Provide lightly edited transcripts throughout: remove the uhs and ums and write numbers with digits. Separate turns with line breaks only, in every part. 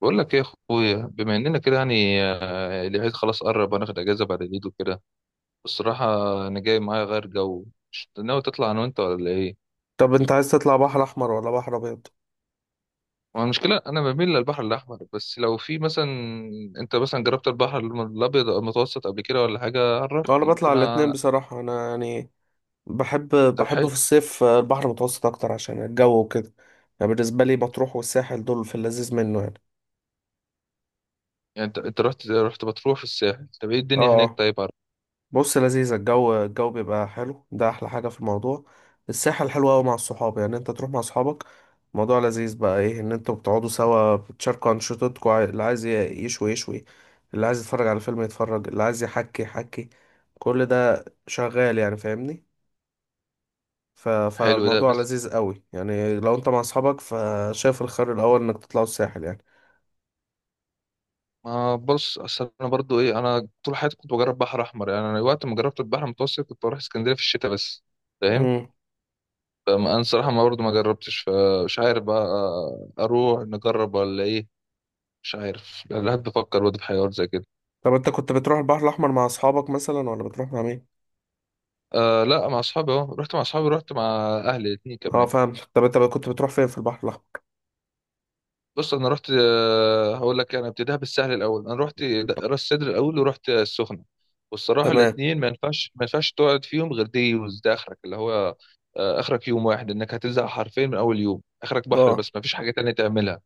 بقول لك ايه يا اخويا، بما اننا كده يعني العيد خلاص قرب، هناخد اجازه بعد العيد وكده. الصراحه، انا جاي معايا غير جو. مش ناوي تطلع انا وانت ولا ايه؟
طب انت عايز تطلع بحر احمر ولا بحر ابيض؟
هو المشكله انا بميل للبحر الاحمر، بس لو في مثلا. انت مثلا جربت البحر الابيض أو المتوسط قبل كده ولا حاجه،
اه، انا
عرفني
بطلع
ممكن
الاتنين بصراحة. انا يعني بحب
طب
بحب
حلو.
في الصيف البحر المتوسط اكتر عشان الجو وكده. يعني بالنسبة لي مطروح والساحل دول في اللذيذ منه يعني.
يعني انت رحت رحت بتروح في الساحل، طب ايه
اه
الدنيا هناك؟
اه.
طيب عرف.
بص، لذيذ، الجو بيبقى حلو، ده احلى حاجة في الموضوع. الساحل حلو قوي مع الصحاب، يعني انت تروح مع صحابك الموضوع لذيذ بقى. ايه ان انتوا بتقعدوا سوا، بتشاركوا انشطتكم، اللي عايز يشوي يشوي، اللي عايز يتفرج على فيلم يتفرج، اللي عايز يحكي يحكي. كل ده شغال، يعني فاهمني.
حلو، ده
فالموضوع
بس.
لذيذ قوي يعني، لو انت مع اصحابك فشايف الخير الاول انك تطلعوا الساحل يعني.
ما بص، اصل انا برضو ايه، انا طول حياتي كنت بجرب بحر احمر، يعني انا وقت ما جربت البحر المتوسط كنت بروح اسكندريه في الشتاء بس. فاهم.
امم.
فانا الصراحه، ما برضه ما جربتش، فمش عارف بقى. اروح نجرب ولا ايه؟ مش عارف، لا لا، بفكر برضه في حاجات زي كده.
طب انت كنت بتروح البحر الاحمر مع اصحابك مثلا ولا بتروح مع مين؟
آه لا، مع اصحابي، اهو رحت مع اصحابي، رحت مع اهلي الاتنين
اه
كمان.
فاهم. طب انت كنت بتروح فين في البحر الاحمر؟
بص، انا رحت هقول لك، انا ابتديها بالسهل الاول، انا رحت راس سدر الاول، ورحت السخنه. والصراحه
تمام.
الاتنين ما ينفعش تقعد فيهم غير دي يوز، ده اخرك اللي هو. آه، اخرك يوم واحد انك هتزهق حرفيا، من اول يوم اخرك بحر
اه.
بس ما فيش حاجه تانية تعملها.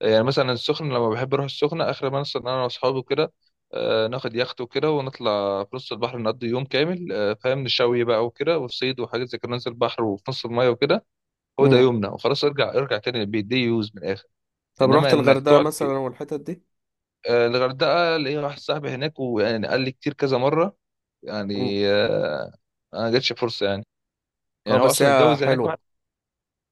يعني مثلا السخنة، لما بحب أروح السخنة آخر ما نصل إن أنا وأصحابي كده. ناخد يخت وكده، ونطلع في نص البحر نقضي يوم كامل، فاهم، نشوي بقى وكده وصيد وحاجات زي كده، ننزل البحر وفي نص المية وكده. هو ده
امم.
يومنا وخلاص، ارجع تاني البيت، دي يوز من الآخر.
طب
إنما
رحت
إنك
الغردقه
تقعد في.
مثلا والحتت دي؟
آه، الغردقة ليا واحد صاحبي هناك، ويعني قال لي كتير كذا مرة.
امم.
يعني. أنا ما جاتش فرصة يعني.
اه
يعني هو
بس
أصلا
هي
متجوز هناك واحد.
حلوه.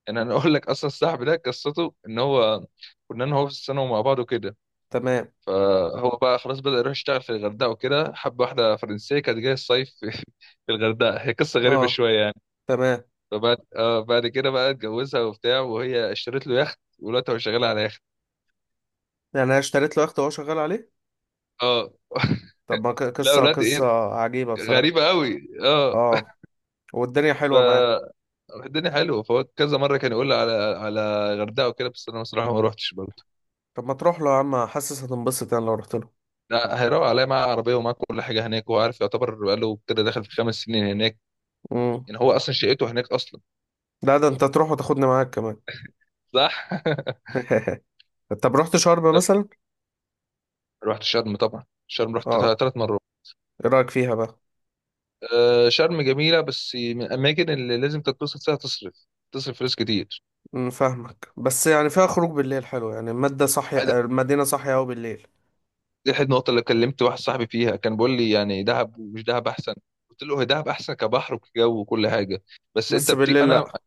يعني أنا أقول لك، أصلا صاحبي ده قصته إن هو. كنا أنا وهو في السنة ومع بعض وكده.
تمام.
فهو بقى خلاص بدأ يروح يشتغل في الغردقة وكده، حب واحدة فرنسية كانت جاية الصيف في. في الغردقة، هي قصة غريبة
اه.
شوية يعني.
تمام.
فبعد آه بعد كده بقى اتجوزها وبتاع، وهي اشترت له يخت، ودلوقتي هو شغال على يخت.
يعني انا اشتريت له يخت وهو شغال عليه.
اه.
طب ما
لا،
قصه
ولاد ايه.
قصه عجيبه بصراحه.
غريبة قوي، اه.
اه، والدنيا
ف
حلوه معاه.
الدنيا حلوه، فهو كذا مرة كان يقول لي على غردقة وكده، بس انا بصراحة ما روحتش برضه.
طب ما تروح له يا عم، حاسس هتنبسط يعني لو رحت له.
لا، هيروق عليا معاه عربية ومعاه كل حاجة هناك، وهو عارف، يعتبر بقاله كده داخل في 5 سنين هناك.
امم.
يعني هو اصلا شقته هناك اصلا.
لا ده انت تروح وتاخدني معاك كمان.
صح.
طب رحت شرم مثلا؟
رحت شرم طبعا، شرم رحت
اه،
3 مرات.
ايه رايك فيها بقى؟
آه، شرم جميله، بس من الاماكن اللي لازم تتبسط فيها، تصرف تصرف فلوس كتير.
أمم، فاهمك، بس يعني فيها خروج بالليل حلو، يعني المادة صاحية،
آه،
المدينة صاحية أوي بالليل.
دي احد النقط اللي كلمت واحد صاحبي فيها، كان بيقول لي يعني دهب ومش دهب احسن. قلت له هي دهب احسن كبحر وكجو وكل حاجه. بس انت
بس بالليل
انا.
لأ.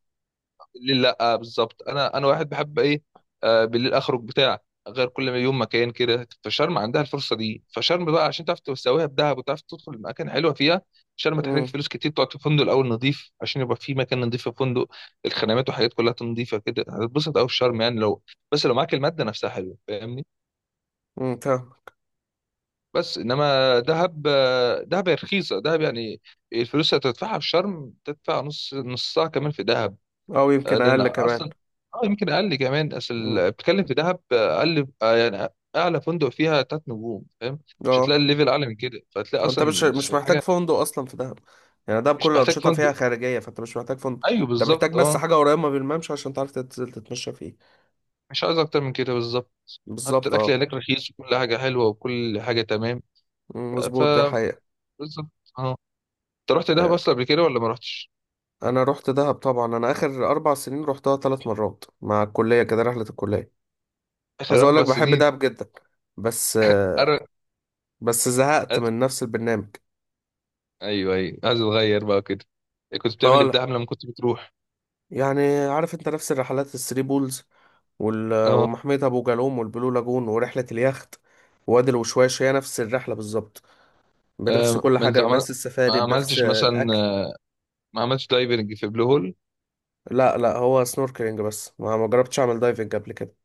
بالليل لا، آه بالظبط، انا واحد بحب ايه. آه بالليل اخرج بتاع. غير كل ما يوم مكان كده، فشرم عندها الفرصه دي، فشرم بقى عشان تعرف تسويها بدهب وتعرف تدخل المكان حلوه فيها. شرم تحتاج
امم،
فلوس كتير، تقعد في فندق الاول نظيف عشان يبقى في مكان نظيف في الفندق. الخدمات وحاجات كلها نظيفه كده، هتتبسط قوي في شرم يعني لو. بس لو معاك الماده نفسها حلوه، فاهمني.
امم، فاهمك.
بس انما دهب هي رخيصه دهب يعني. الفلوس اللي هتدفعها في شرم، تدفع نصها كمان في دهب.
أو
آه،
يمكن
لان
أقل كمان.
اصلا. اه يمكن اقل كمان، اصل
امم.
بتتكلم في دهب اقل، يعني. اعلى فندق فيها 3 نجوم، فاهم. مش هتلاقي
اه،
الليفل اعلى من كده، فهتلاقي
وانت
اصلا.
مش
مش
مش محتاج
حاجه.
فندق أصلا في دهب، يعني دهب كل
مش محتاج
الأنشطة
فندق
فيها خارجية، فانت مش محتاج فندق،
ايوه
انت محتاج
بالظبط،
بس
اه.
حاجة قريبة من الممشى عشان تعرف تنزل تتمشى فيه.
مش عايز اكتر من كده بالظبط. حتى
بالظبط
الاكل
اه.
هناك رخيص وكل حاجه حلوه وكل حاجه تمام.
أمم،
آه.
مظبوط ده حقيقة.
بالظبط. اه. انت رحت دهب اصلا قبل كده ولا ما رحتش؟
انا رحت دهب طبعا، انا اخر اربع سنين رحتها ثلاث مرات مع الكليه، كده رحله الكليه.
اخر
عايز اقول لك
اربع
بحب
سنين
دهب جدا، بس
أر...
بس زهقت
أز...
من نفس البرنامج.
ايوه، ايوه، عايز اتغير بقى كده. كنت بتعمل ايه في
فلا،
دهب لما كنت بتروح؟
يعني عارف انت نفس الرحلات: الثري بولز
اه.
ومحمية ابو جالوم والبلو لاجون ورحله اليخت، وادي الوشواش. هي نفس الرحله بالظبط، بنفس
آه،
كل حاجه، بنفس
ما
السفاري، بنفس
عملتش مثلا.
الاكل.
ما عملتش دايفنج في بلو هول.
لا لا، هو سنوركلينج بس، ما جربتش اعمل دايفنج قبل كده.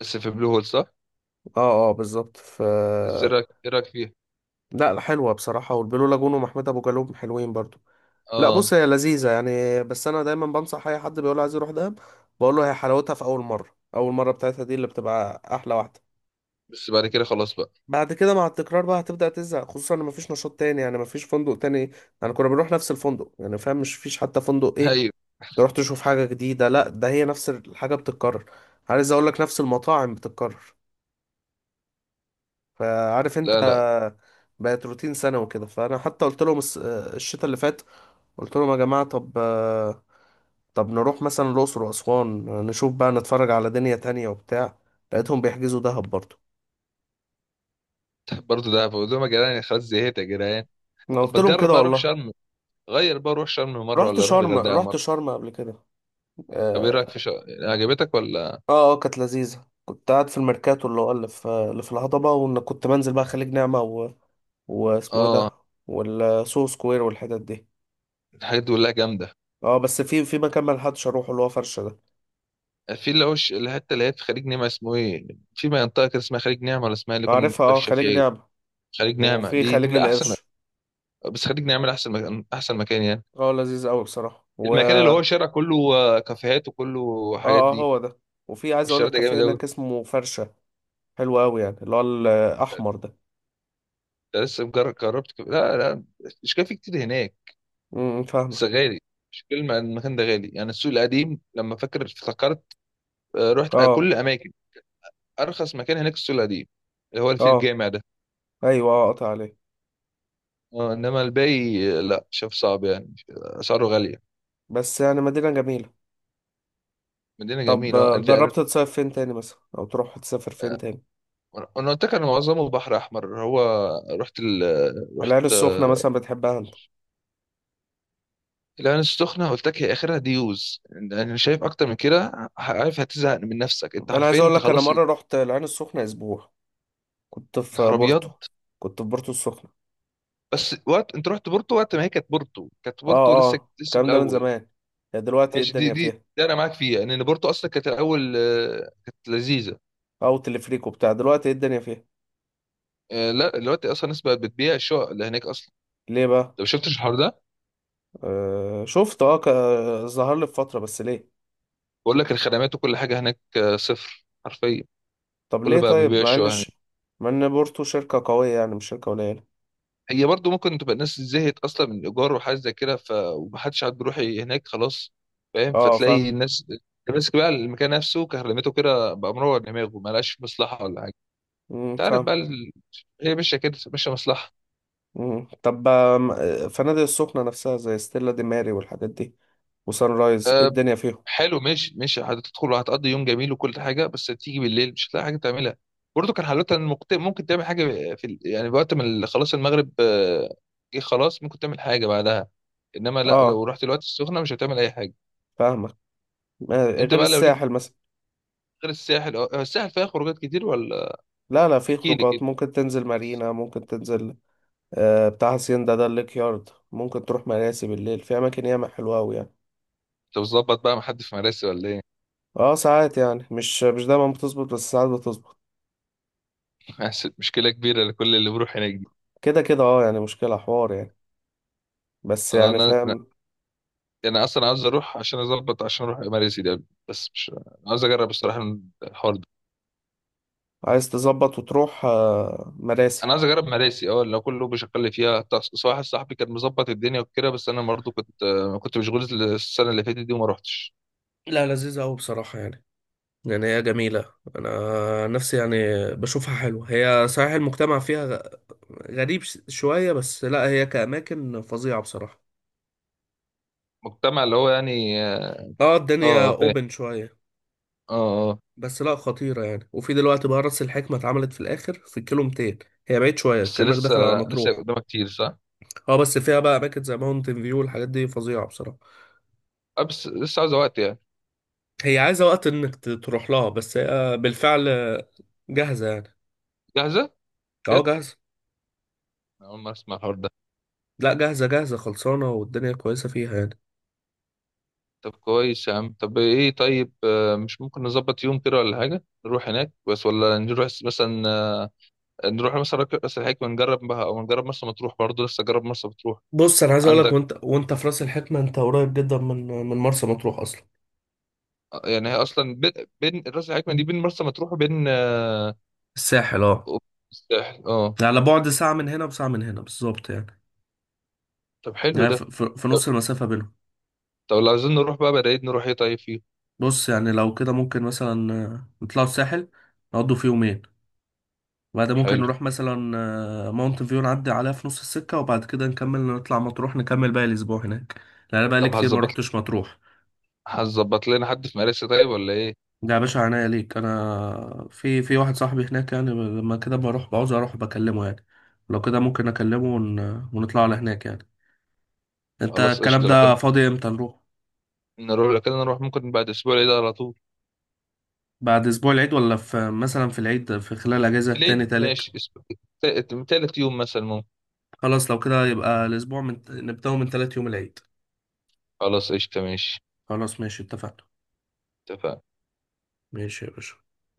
بس في بلو هول، صح؟
اه اه بالظبط.
بس ايه رايك إيه رأيك فيها؟
لا لا، حلوة بصراحة، والبلو لاجون ومحمود أبو جالوم حلوين برضو. لا
اه
بص، هي لذيذة يعني، بس أنا دايما بنصح أي حد بيقول عايز يروح دهب، بقول له هي حلاوتها في أول مرة. أول مرة بتاعتها دي اللي بتبقى أحلى واحدة.
بس بعد كده خلاص بقى.
بعد كده مع التكرار بقى هتبدأ تزهق، خصوصا إن مفيش نشاط تاني، يعني مفيش فندق تاني، يعني كنا بنروح نفس الفندق، يعني فاهم، مش فيش حتى فندق إيه
ايوه.
تروح تشوف حاجة جديدة، لا ده هي نفس الحاجة بتتكرر. عايز أقول لك نفس المطاعم بتتكرر، فعارف انت،
لا، لا،
بقت روتين سنة وكده. فانا حتى قلت لهم الشتاء اللي فات، قلت لهم يا جماعة، طب نروح مثلا الأقصر وأسوان، نشوف بقى، نتفرج على دنيا تانية وبتاع، لقيتهم بيحجزوا دهب برضه.
برضه دهب، قلت لهم يا جدعان خلاص زهقت يا جدعان.
أنا
طب
قلت لهم
بتجرب
كده
بقى اروح
والله.
شرم. غير بقى اروح شرم مره
رحت
ولا اروح
شرم
الغردقه
رحت
مره؟
شرم قبل كده.
طب ايه رايك في
اه
شرم، عجبتك ولا؟
اه. كانت لذيذة. كنت قاعد في الميركاتو اللي هو اللي في الهضبة، وإن كنت بنزل بقى خليج نعمة واسمه ايه
اه،
ده، والسو سكوير والحتت دي.
الحاجات دي كلها جامده.
اه بس في مكان ملحقتش اروحه اللي هو فرشة ده.
في اللي هو الحته اللي هي في خليج نعمه، اسمه ايه؟ في منطقه كده اسمها خليج نعمه ولا اسمها إيه، اللي كنا
عارفها، اه،
بنتمشى
خليج
فيها، ايه؟
نعمة.
خليج نعمه
وفي
دي
خليج
من احسن
القرش.
مكان. بس خليج نعمه احسن مكان احسن مكان يعني.
اه لذيذ قوي بصراحة و
المكان اللي هو
اه
شارع كله كافيهات وكله حاجات
اه
دي.
هو ده. وفي، عايز اقول
الشارع
لك،
ده
كافيه
جامد قوي.
هناك اسمه فرشة، حلو قوي يعني اللي هو الاحمر ده.
ده لسه مجرد جربت كافيه. لا، لا. مش كافيه كتير هناك. بس
فاهمك.
غالي. مش كلمة، المكان ده غالي يعني، السوق القديم لما فاكر افتكرت. آه، رحت
اه
كل اماكن. ارخص مكان هناك السوق القديم. اللي هو اللي فيه
اه
الجامع ده.
ايوه اه. قطع عليه.
آه، انما الباقي لا شاف صعب يعني، اسعاره غالية.
بس يعني مدينة جميلة.
مدينة
طب
جميلة، انا.
جربت تصيف فين تاني مثلا، او تروح تسافر فين تاني؟
أنا قلت لك، انا معظمه بحر احمر هو. رحت رحت،
العين السخنة مثلا بتحبها انت؟
العين السخنة قلت لك، هي آخرها ديوز، أنا شايف أكتر من كده عارف هتزهق من نفسك، أنت
انا عايز
عارفين،
اقول
أنت
لك، انا
خلاص.
مرة رحت العين السخنة اسبوع، كنت في بورتو
الهربيات.
كنت في بورتو السخنة.
بس وقت أنت رحت بورتو، وقت ما هي كانت بورتو كانت
اه
بورتو لسه
اه.
لسه في
الكلام ده من
الأول.
زمان، يعني دلوقتي ايه
ماشي دي
الدنيا
دي
فيها؟
ده أنا معاك فيها، لأن بورتو أصلا كانت الأول كانت لذيذة.
او تلفريكو بتاع، دلوقتي ايه الدنيا فيها؟
آه، لا، دلوقتي أصلا الناس بقت بتبيع الشقق اللي هناك أصلا.
ليه بقى؟
أنت ما شفتش الحوار ده؟
آه شفت، ظهر لي في فتره، بس ليه؟
بقول لك الخدمات وكل حاجة هناك صفر حرفيا.
طب
كله
ليه
بقى بيبيع
طيب،
الشقق هناك.
مع ان بورتو شركه قويه، يعني مش شركه قليله.
هي برضو ممكن تبقى الناس زهقت اصلا من الايجار وحاجه زي كده، ومحدش عاد بيروح هناك خلاص. فاهم،
اه فاهم.
فتلاقي الناس. ماسك بقى المكان نفسه، كهرمته كده بقى مروع دماغه، ما لقاش مصلحه ولا حاجه.
مم،
انت عارف
فاهم.
بقى هي ماشيه كده، ماشيه مصلحه.
مم. طب فنادق السخنه نفسها زي ستيلا دي ماري والحاجات دي، وسان رايز، ايه
أه.
الدنيا فيهم؟
حلو، ماشي ماشي، هتدخل وهتقضي يوم جميل وكل حاجه، بس تيجي بالليل مش هتلاقي حاجه تعملها. برضو كان حلوتها ان ممكن تعمل حاجه في يعني وقت ما خلاص المغرب جه خلاص، ممكن تعمل حاجه بعدها. انما لا، لو
اه
رحت الوقت السخنه مش هتعمل اي حاجه.
فاهمك.
انت
غير
بقى لو ليك.
الساحل مثلا.
غير الساحل، الساحل فيها خروجات كتير ولا؟
لا لا، في
احكي لي كده.
خروجات، ممكن تنزل مارينا، ممكن تنزل بتاع هاسيندا ده، الليك يارد، ممكن تروح مراسي بالليل، في اماكن ياما حلوه قوي.
انت بتظبط بقى مع حد في مراسي ولا ايه؟
اه ساعات يعني، مش دايما بتظبط، بس ساعات بتظبط.
عشان مشكله كبيره لكل اللي بيروح هناك دي.
كده كده اه، يعني مشكلة حوار يعني. بس
آه،
يعني
انا
فاهم.
انا اصلا عاوز اروح عشان اظبط، عشان اروح مراسي ده. بس مش، أنا عاوز اجرب الصراحه. الحوار ده.
عايز تظبط وتروح مراسي.
انا عايز اجرب مراسي اه، لو كله بيشغل لي فيها، طب بس واحد صاحبي كان مظبط الدنيا وكده، بس انا برضه كنت مشغول السنه اللي فاتت دي وما روحتش.
لا لذيذة أوي بصراحة يعني، يعني هي جميلة. أنا نفسي يعني بشوفها حلوة، هي صحيح المجتمع فيها غريب شوية، بس لا هي كأماكن فظيعة بصراحة.
مجتمع اللي هو يعني اه.
اه الدنيا
آه، فاهم.
اوبن شوية،
اه، اه.
بس لا خطيرة يعني. وفي دلوقتي بقى راس الحكمة اتعملت في الآخر في الكيلو 200، هي بعيد شوية،
بس
كأنك
لسه.
داخل على
لسه
مطروح.
قدامها كتير، صح؟
اه بس فيها بقى اماكن زي ماونتن فيو والحاجات دي، فظيعه بصراحه.
آه، بس لسه عاوزه وقت يعني.
هي عايزه وقت انك تروح لها، بس هي بالفعل جاهزه يعني.
جاهزه.
اه جاهزه.
أنا أول ما أسمع الحوار ده.
لا جاهزه جاهزه، خلصانه، والدنيا كويسه فيها يعني.
طب كويس يا عم، طب إيه، طيب مش ممكن نظبط يوم كده ولا حاجة، نروح هناك بس، ولا نروح مثلا نروح مثلا راس الحكمة، ونجرب بها، أو نجرب مرسى مطروح برضه، لسه جرب مرسى مطروح.
بص، انا عايز اقول لك،
عندك.
وانت في راس الحكمه، انت قريب جدا من مرسى مطروح اصلا.
آه، يعني هي أصلا بين. بين راس الحكمة دي، بين مرسى مطروح وبين
الساحل اه.
وبين. الساحل أه.
على بعد ساعه من هنا وساعه من هنا بالظبط يعني،
طب حلو
يعني
ده.
في
طب,
نص المسافه بينهم.
طب لو عايزين نروح بقى، بدأت نروح إيه طيب فيه.
بص يعني لو كده ممكن مثلا نطلعوا الساحل، نقضوا فيه يومين، بعد ممكن
حلو.
نروح مثلا ماونت فيو، نعدي عليها في نص السكة، وبعد كده نكمل نطلع مطروح، نكمل باقي الأسبوع هناك، لأن أنا بقالي
طب
كتير ما
هتظبط.
روحتش مطروح.
هتظبط لنا حد في مراسي طيب ولا إيه؟
ده يا باشا عناية ليك، أنا في واحد صاحبي هناك يعني، لما كده بروح بعوز أروح بكلمه يعني. لو كده ممكن أكلمه ونطلع على هناك يعني. أنت
خلاص
الكلام
قشطة لو كان.
ده فاضي إمتى نروح؟
نروح لو كده، نروح ممكن بعد أسبوع العيد على طول.
بعد أسبوع العيد، ولا في مثلا في العيد، في خلال أجازة
في العيد
تاني تالت؟
ماشي تالت يوم مثلا ممكن.
خلاص لو كده يبقى الأسبوع نبدأه من تالت يوم العيد.
خلاص قشطة ماشي.
خلاص ماشي، اتفقنا.
اتفقنا.
ماشي يا باشا.